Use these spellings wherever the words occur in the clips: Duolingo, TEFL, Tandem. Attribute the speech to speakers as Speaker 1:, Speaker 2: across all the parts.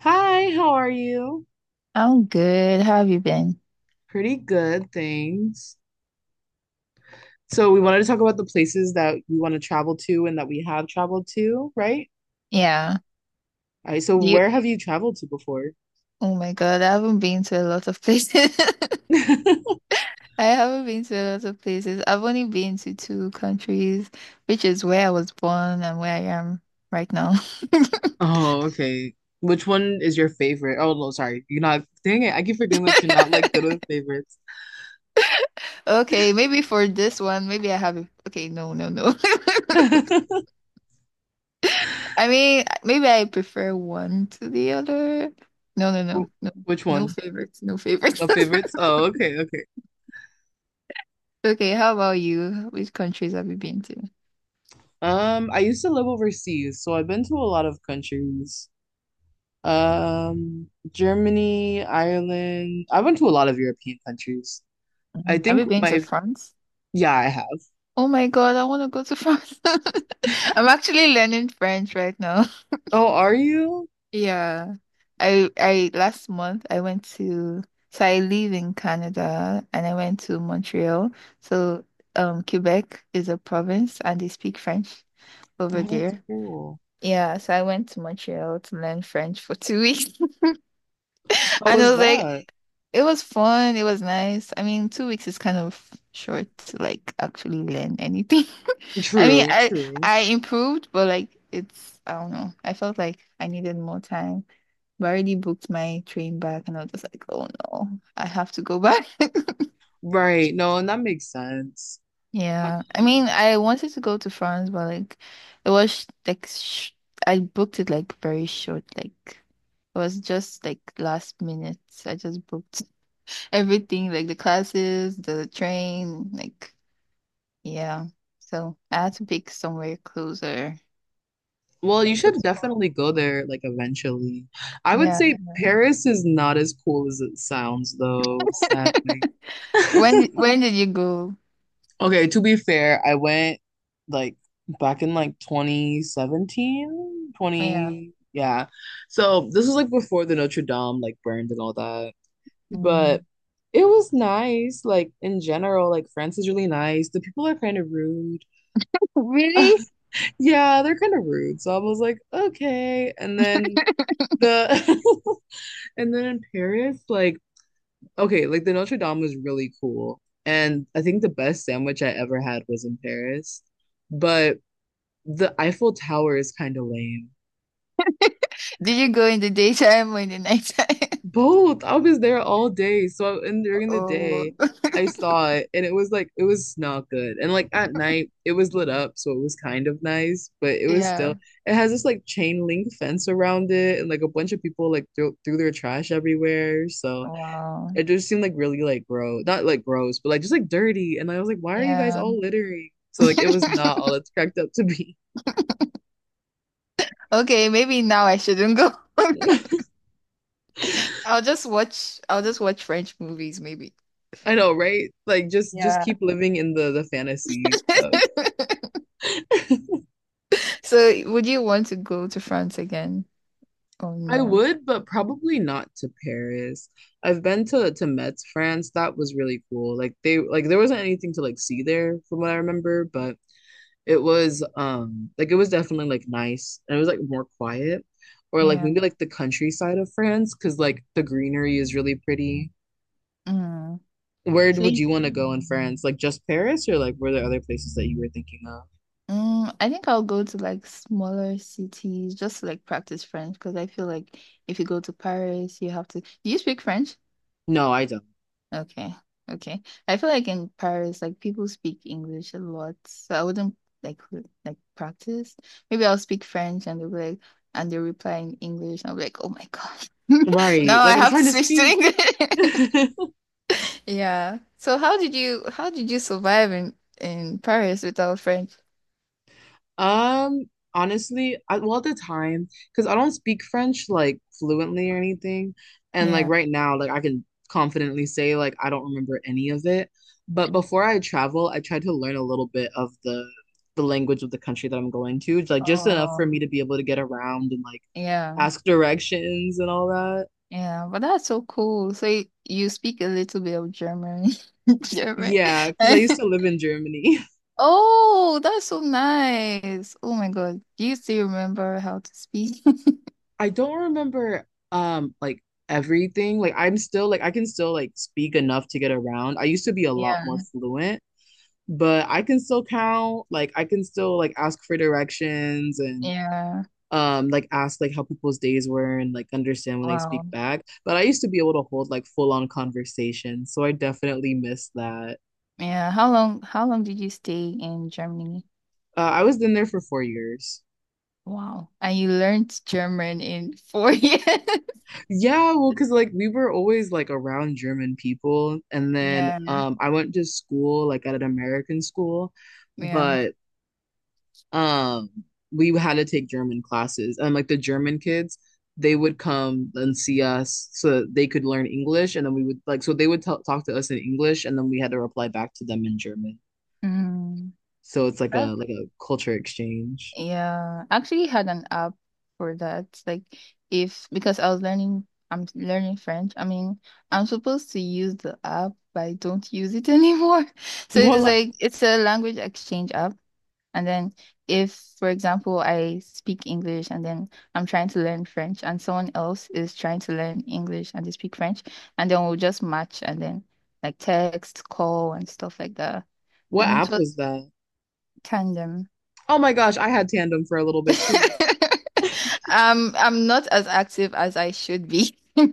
Speaker 1: Hi, how are you?
Speaker 2: I'm good. How have you been?
Speaker 1: Pretty good, thanks. So we wanted to talk about the places that we want to travel to and that we have traveled to, right?
Speaker 2: Yeah.
Speaker 1: All right, so where
Speaker 2: You,
Speaker 1: have you traveled to before?
Speaker 2: oh my God, I haven't been to a lot of places. I haven't been to a lot of places. I've only been to two countries, which is where I was born and where I am right now.
Speaker 1: Oh, okay. Which one is your favorite? Oh, no, sorry. You're not, dang it, I keep forgetting that you're not like good with favorites.
Speaker 2: Okay, maybe for this one, maybe I have a, okay, no.
Speaker 1: Wh-
Speaker 2: I mean, maybe I prefer one to the other. No.
Speaker 1: Which
Speaker 2: No
Speaker 1: one?
Speaker 2: favorites, no favorites.
Speaker 1: The favorites? Oh, okay, okay.
Speaker 2: Okay, how about you? Which countries have you been to?
Speaker 1: I used to live overseas, so I've been to a lot of countries. Germany, Ireland. I went to a lot of European countries. I
Speaker 2: Mm. Have
Speaker 1: think
Speaker 2: you been to
Speaker 1: my,
Speaker 2: France?
Speaker 1: yeah, I have.
Speaker 2: Oh my God, I want to go to France. I'm actually learning French right now.
Speaker 1: Oh, are you?
Speaker 2: Yeah. I last month I went to so I live in Canada and I went to Montreal. So Quebec is a province and they speak French over
Speaker 1: Oh, that's
Speaker 2: there.
Speaker 1: cool.
Speaker 2: Yeah, so I went to Montreal to learn French for 2 weeks.
Speaker 1: How
Speaker 2: And
Speaker 1: was
Speaker 2: I was like,
Speaker 1: that?
Speaker 2: it was fun. It was nice. I mean, 2 weeks is kind of short to like actually learn anything. I mean,
Speaker 1: True, true.
Speaker 2: I improved, but like it's I don't know. I felt like I needed more time. But I already booked my train back, and I was just like, oh no, I have to go back.
Speaker 1: Right. No, and that makes sense.
Speaker 2: Yeah, I mean,
Speaker 1: Um,
Speaker 2: I wanted to go to France, but like it was like sh I booked it like very short. Like it was just like last minute. I just booked. Everything like the classes, the train, like yeah. So I had to pick somewhere closer.
Speaker 1: Well,
Speaker 2: But
Speaker 1: you
Speaker 2: it
Speaker 1: should
Speaker 2: was fun.
Speaker 1: definitely go there like eventually. I would
Speaker 2: Yeah.
Speaker 1: say Paris is not as cool as it sounds though, sadly.
Speaker 2: When did you go?
Speaker 1: Okay, to be fair, I went like back in like 2017,
Speaker 2: Yeah.
Speaker 1: twenty. Yeah. So this was like before the Notre Dame like burned and all that.
Speaker 2: Mm.
Speaker 1: But it was nice, like in general, like France is really nice. The people are kind of rude.
Speaker 2: Really?
Speaker 1: Yeah, they're kind of rude. So I was like, okay. And then the And then in Paris, like, okay, like the Notre Dame was really cool. And I think the best sandwich I ever had was in Paris, but the Eiffel Tower is kind of lame.
Speaker 2: Did you go in the daytime or in the nighttime?
Speaker 1: Both. I was there all day. So and during the
Speaker 2: Oh,
Speaker 1: day, I saw it and it was like it was not good. And like at night, it was lit up, so it was kind of nice, but it was
Speaker 2: yeah.
Speaker 1: still it has this like chain link fence around it and like a bunch of people like threw their trash everywhere. So
Speaker 2: Wow.
Speaker 1: it just seemed like really like gross. Not like gross, but like just like dirty. And I was like, why are you guys
Speaker 2: Yeah.
Speaker 1: all littering? So like it was not all it's cracked up to be.
Speaker 2: Okay, maybe now I shouldn't go. I'll just watch French movies maybe.
Speaker 1: I know, right? Like just
Speaker 2: Yeah.
Speaker 1: keep living in the fantasy of
Speaker 2: So, would you want to go to France again? Oh
Speaker 1: I
Speaker 2: no.
Speaker 1: would, but probably not to Paris. I've been to Metz, France. That was really cool. Like they like there wasn't anything to like see there from what I remember, but it was like it was definitely like nice and it was like more quiet or like
Speaker 2: Yeah.
Speaker 1: maybe like the countryside of France because like the greenery is really pretty.
Speaker 2: Mm.
Speaker 1: Where
Speaker 2: So
Speaker 1: would
Speaker 2: y-
Speaker 1: you want to go in France? Like just Paris or like were there other places that you were thinking of?
Speaker 2: mm, I think I'll go to like smaller cities just to like practice French because I feel like if you go to Paris, you have to. Do you speak French?
Speaker 1: No, I don't.
Speaker 2: Okay. Okay. I feel like in Paris, like people speak English a lot. So I wouldn't like practice. Maybe I'll speak French and they'll be like and they reply in English. I'll be like, oh my gosh.
Speaker 1: Right.
Speaker 2: Now
Speaker 1: Like
Speaker 2: I
Speaker 1: I'm
Speaker 2: have to
Speaker 1: trying to
Speaker 2: switch to
Speaker 1: speak.
Speaker 2: English. Yeah. So how did you survive in Paris without French?
Speaker 1: Um, honestly, well, at the time, because I don't speak French like fluently or anything, and like
Speaker 2: Yeah.
Speaker 1: right now, like I can confidently say like I don't remember any of it. But before I travel, I tried to learn a little bit of the language of the country that I'm going to, like just enough for
Speaker 2: Oh,
Speaker 1: me to be able to get around and like
Speaker 2: yeah.
Speaker 1: ask directions and all that.
Speaker 2: Yeah, but that's so cool. So you speak a little bit of German. German.
Speaker 1: Yeah, because I used to live in Germany.
Speaker 2: Oh, that's so nice. Oh my God. Do you still remember how to speak?
Speaker 1: I don't remember like everything. Like I'm still like I can still like speak enough to get around. I used to be a lot more
Speaker 2: Yeah.
Speaker 1: fluent, but I can still count. Like I can still like ask for directions and
Speaker 2: Yeah.
Speaker 1: like ask like how people's days were and like understand when they speak
Speaker 2: Wow.
Speaker 1: back. But I used to be able to hold like full on conversations, so I definitely miss that.
Speaker 2: Yeah. How long did you stay in Germany?
Speaker 1: I was in there for 4 years.
Speaker 2: Wow. And you learned German in four years.
Speaker 1: Yeah, well, because like we were always like around German people, and then
Speaker 2: Yeah.
Speaker 1: I went to school like at an American school,
Speaker 2: Yeah.
Speaker 1: but um we had to take German classes, and like the German kids, they would come and see us so that they could learn English, and then we would like so they would talk to us in English, and then we had to reply back to them in German.
Speaker 2: Mm,
Speaker 1: So it's like a
Speaker 2: that,
Speaker 1: culture exchange.
Speaker 2: yeah, I actually had an app for that. Like, if because I was learning, I'm learning French. I mean, I'm supposed to use the app, but I don't use it anymore. So
Speaker 1: What Mm.
Speaker 2: it's a language exchange app. And then, if for example, I speak English and then I'm trying to learn French, and someone else is trying to learn English and they speak French, and then we'll just match and then like text, call, and stuff like that.
Speaker 1: what
Speaker 2: And it
Speaker 1: app
Speaker 2: was
Speaker 1: was that?
Speaker 2: tandem.
Speaker 1: Oh my gosh, I had Tandem for a little bit too.
Speaker 2: I'm not as active as I should be.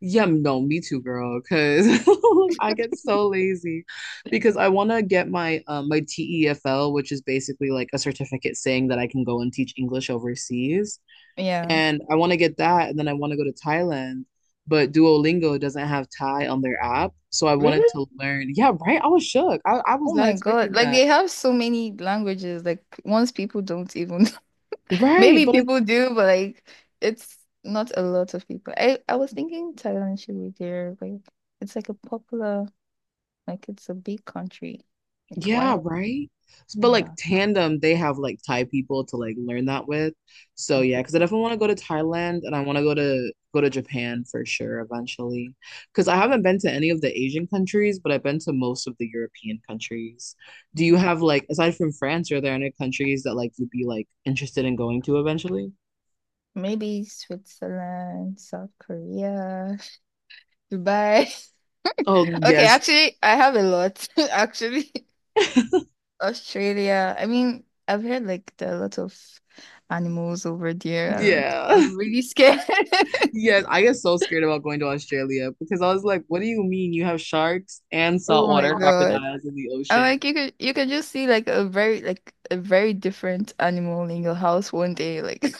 Speaker 1: Yeah, no, me too, girl, because I get so lazy because I want to get my TEFL, which is basically like a certificate saying that I can go and teach English overseas.
Speaker 2: Yeah.
Speaker 1: And I want to get that, and then I want to go to Thailand, but Duolingo doesn't have Thai on their app, so I wanted
Speaker 2: Really?
Speaker 1: to learn. Yeah, right. I was shook. I was
Speaker 2: Oh
Speaker 1: not
Speaker 2: my God.
Speaker 1: expecting
Speaker 2: Like
Speaker 1: that.
Speaker 2: they have so many languages. Like once people don't even
Speaker 1: Right,
Speaker 2: maybe
Speaker 1: but like
Speaker 2: people do, but like it's not a lot of people. I was thinking Thailand should be there. Like it's like a popular like it's a big country. Like
Speaker 1: Yeah,
Speaker 2: why?
Speaker 1: right. But like
Speaker 2: Yeah.
Speaker 1: Tandem, they have like Thai people to like learn that with. So yeah,
Speaker 2: Okay.
Speaker 1: because I definitely want to go to Thailand and I want to go to Japan for sure eventually. Because I haven't been to any of the Asian countries, but I've been to most of the European countries. Do you have like aside from France, are there any countries that like you'd be like interested in going to eventually?
Speaker 2: Maybe Switzerland, South Korea, Dubai.
Speaker 1: Oh
Speaker 2: Okay,
Speaker 1: yes.
Speaker 2: actually I have a lot actually. Australia. I mean, I've heard like there are a lot of animals over there, and like,
Speaker 1: Yeah.
Speaker 2: I'm really scared.
Speaker 1: Yes, I get so scared about going to Australia because I was like, what do you mean you have sharks and
Speaker 2: Oh my
Speaker 1: saltwater
Speaker 2: God.
Speaker 1: crocodiles in the
Speaker 2: I'm
Speaker 1: ocean?
Speaker 2: like you can just see like a very different animal in your house one day. Like,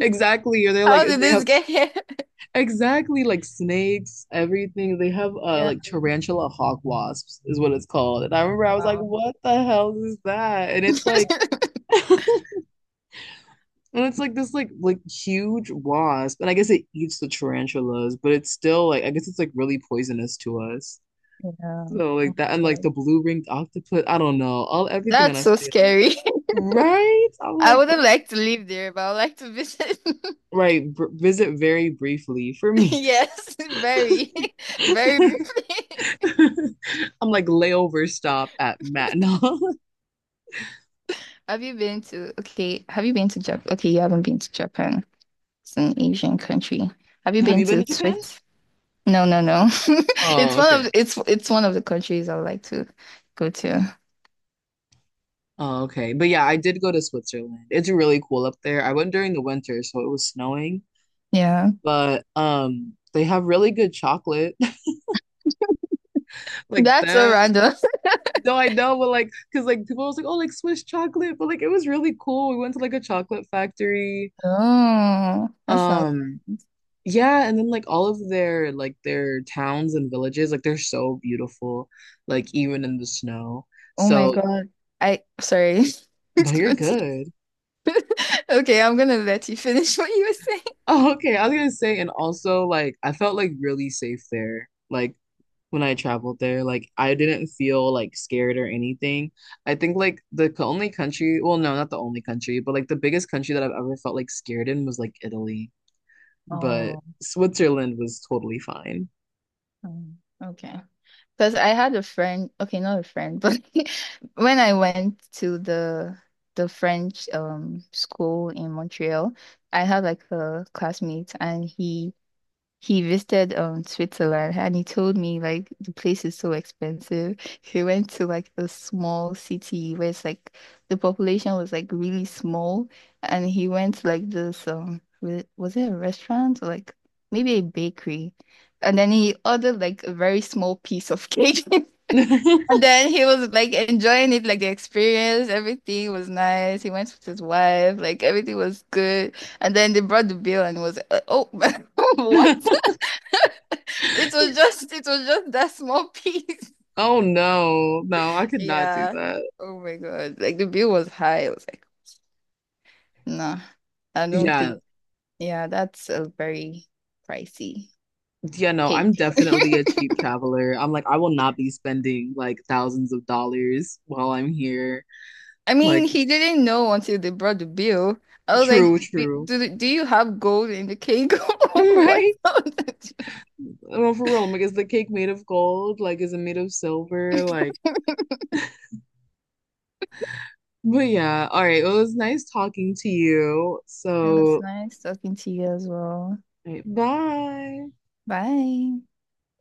Speaker 1: Exactly. Or they're like
Speaker 2: how did
Speaker 1: they
Speaker 2: this
Speaker 1: have
Speaker 2: get here?
Speaker 1: exactly like snakes, everything. They have
Speaker 2: Yeah.
Speaker 1: like tarantula hawk wasps is what it's called. And I remember I was like,
Speaker 2: Wow.
Speaker 1: what the hell is that? And it's like
Speaker 2: Yeah.
Speaker 1: and it's like this like huge wasp. And I guess it eats the tarantulas, but it's still like I guess it's like really poisonous to us.
Speaker 2: Oh
Speaker 1: So like
Speaker 2: my
Speaker 1: that and like the
Speaker 2: God.
Speaker 1: blue-ringed octopus. I don't know. All everything on
Speaker 2: That's so
Speaker 1: Australia.
Speaker 2: scary.
Speaker 1: Right? I'm
Speaker 2: I
Speaker 1: like,
Speaker 2: wouldn't
Speaker 1: oh.
Speaker 2: like to live there, but I would like to visit.
Speaker 1: Right. Br Visit very briefly for me.
Speaker 2: Yes, very briefly.
Speaker 1: I'm like layover stop at Matinal.
Speaker 2: Have you been to, okay, have you been to Japan? Okay, you haven't been to Japan. It's an Asian country. Have you
Speaker 1: Have
Speaker 2: been
Speaker 1: you been
Speaker 2: to
Speaker 1: to Japan?
Speaker 2: Swiss? No.
Speaker 1: Oh, okay.
Speaker 2: It's one of the countries I would like to go to.
Speaker 1: Oh, okay. But yeah, I did go to Switzerland. It's really cool up there. I went during the winter, so it was snowing,
Speaker 2: Yeah.
Speaker 1: but they have really good chocolate. Like
Speaker 2: That's so
Speaker 1: them.
Speaker 2: random.
Speaker 1: No, I know, but like, cause like people was like, oh, like Swiss chocolate, but like it was really cool. We went to like a chocolate factory.
Speaker 2: Oh, that sounds
Speaker 1: Um,
Speaker 2: nice.
Speaker 1: yeah, and then like all of their like their towns and villages, like they're so beautiful, like even in the snow.
Speaker 2: Oh my
Speaker 1: So
Speaker 2: God. I sorry.
Speaker 1: No,
Speaker 2: It's
Speaker 1: you're
Speaker 2: continue.
Speaker 1: good.
Speaker 2: Okay, I'm gonna let you finish what you were saying.
Speaker 1: Oh, okay. I was gonna say, and also like I felt like really safe there. Like when I traveled there, like I didn't feel like scared or anything. I think like the only country, well, no, not the only country, but like the biggest country that I've ever felt like scared in was like Italy, but
Speaker 2: Oh,
Speaker 1: Switzerland was totally fine.
Speaker 2: okay. Because I had a friend, okay, not a friend, but when I went to the French school in Montreal, I had like a classmate and he visited Switzerland and he told me like the place is so expensive. He went to like a small city where it's like the population was like really small and he went to like this was it a restaurant or like maybe a bakery and then he ordered like a very small piece of cake and then he was like enjoying it like the experience everything was nice. He went with his wife like everything was good and then they brought the bill and was oh what? It was just that small piece.
Speaker 1: Oh no, no, I could not do
Speaker 2: Yeah.
Speaker 1: that.
Speaker 2: Oh my God. Like the bill was high. I was like, nah, I don't
Speaker 1: Yeah,
Speaker 2: think. Yeah, that's a very pricey
Speaker 1: yeah, no,
Speaker 2: cake.
Speaker 1: I'm definitely a cheap traveler. I'm like, I will not be spending like thousands of dollars while I'm here.
Speaker 2: I
Speaker 1: Like,
Speaker 2: mean, he didn't know until they brought the bill. I was like,
Speaker 1: true, true.
Speaker 2: Do you have gold in the cake?
Speaker 1: Right?
Speaker 2: What's up? It
Speaker 1: Well, for real, I'm like, is the cake made of gold? Like, is it made of silver? Like, but yeah. All right. Well, it was nice talking to you.
Speaker 2: was
Speaker 1: So,
Speaker 2: nice talking to you as well.
Speaker 1: all right, bye.
Speaker 2: Bye.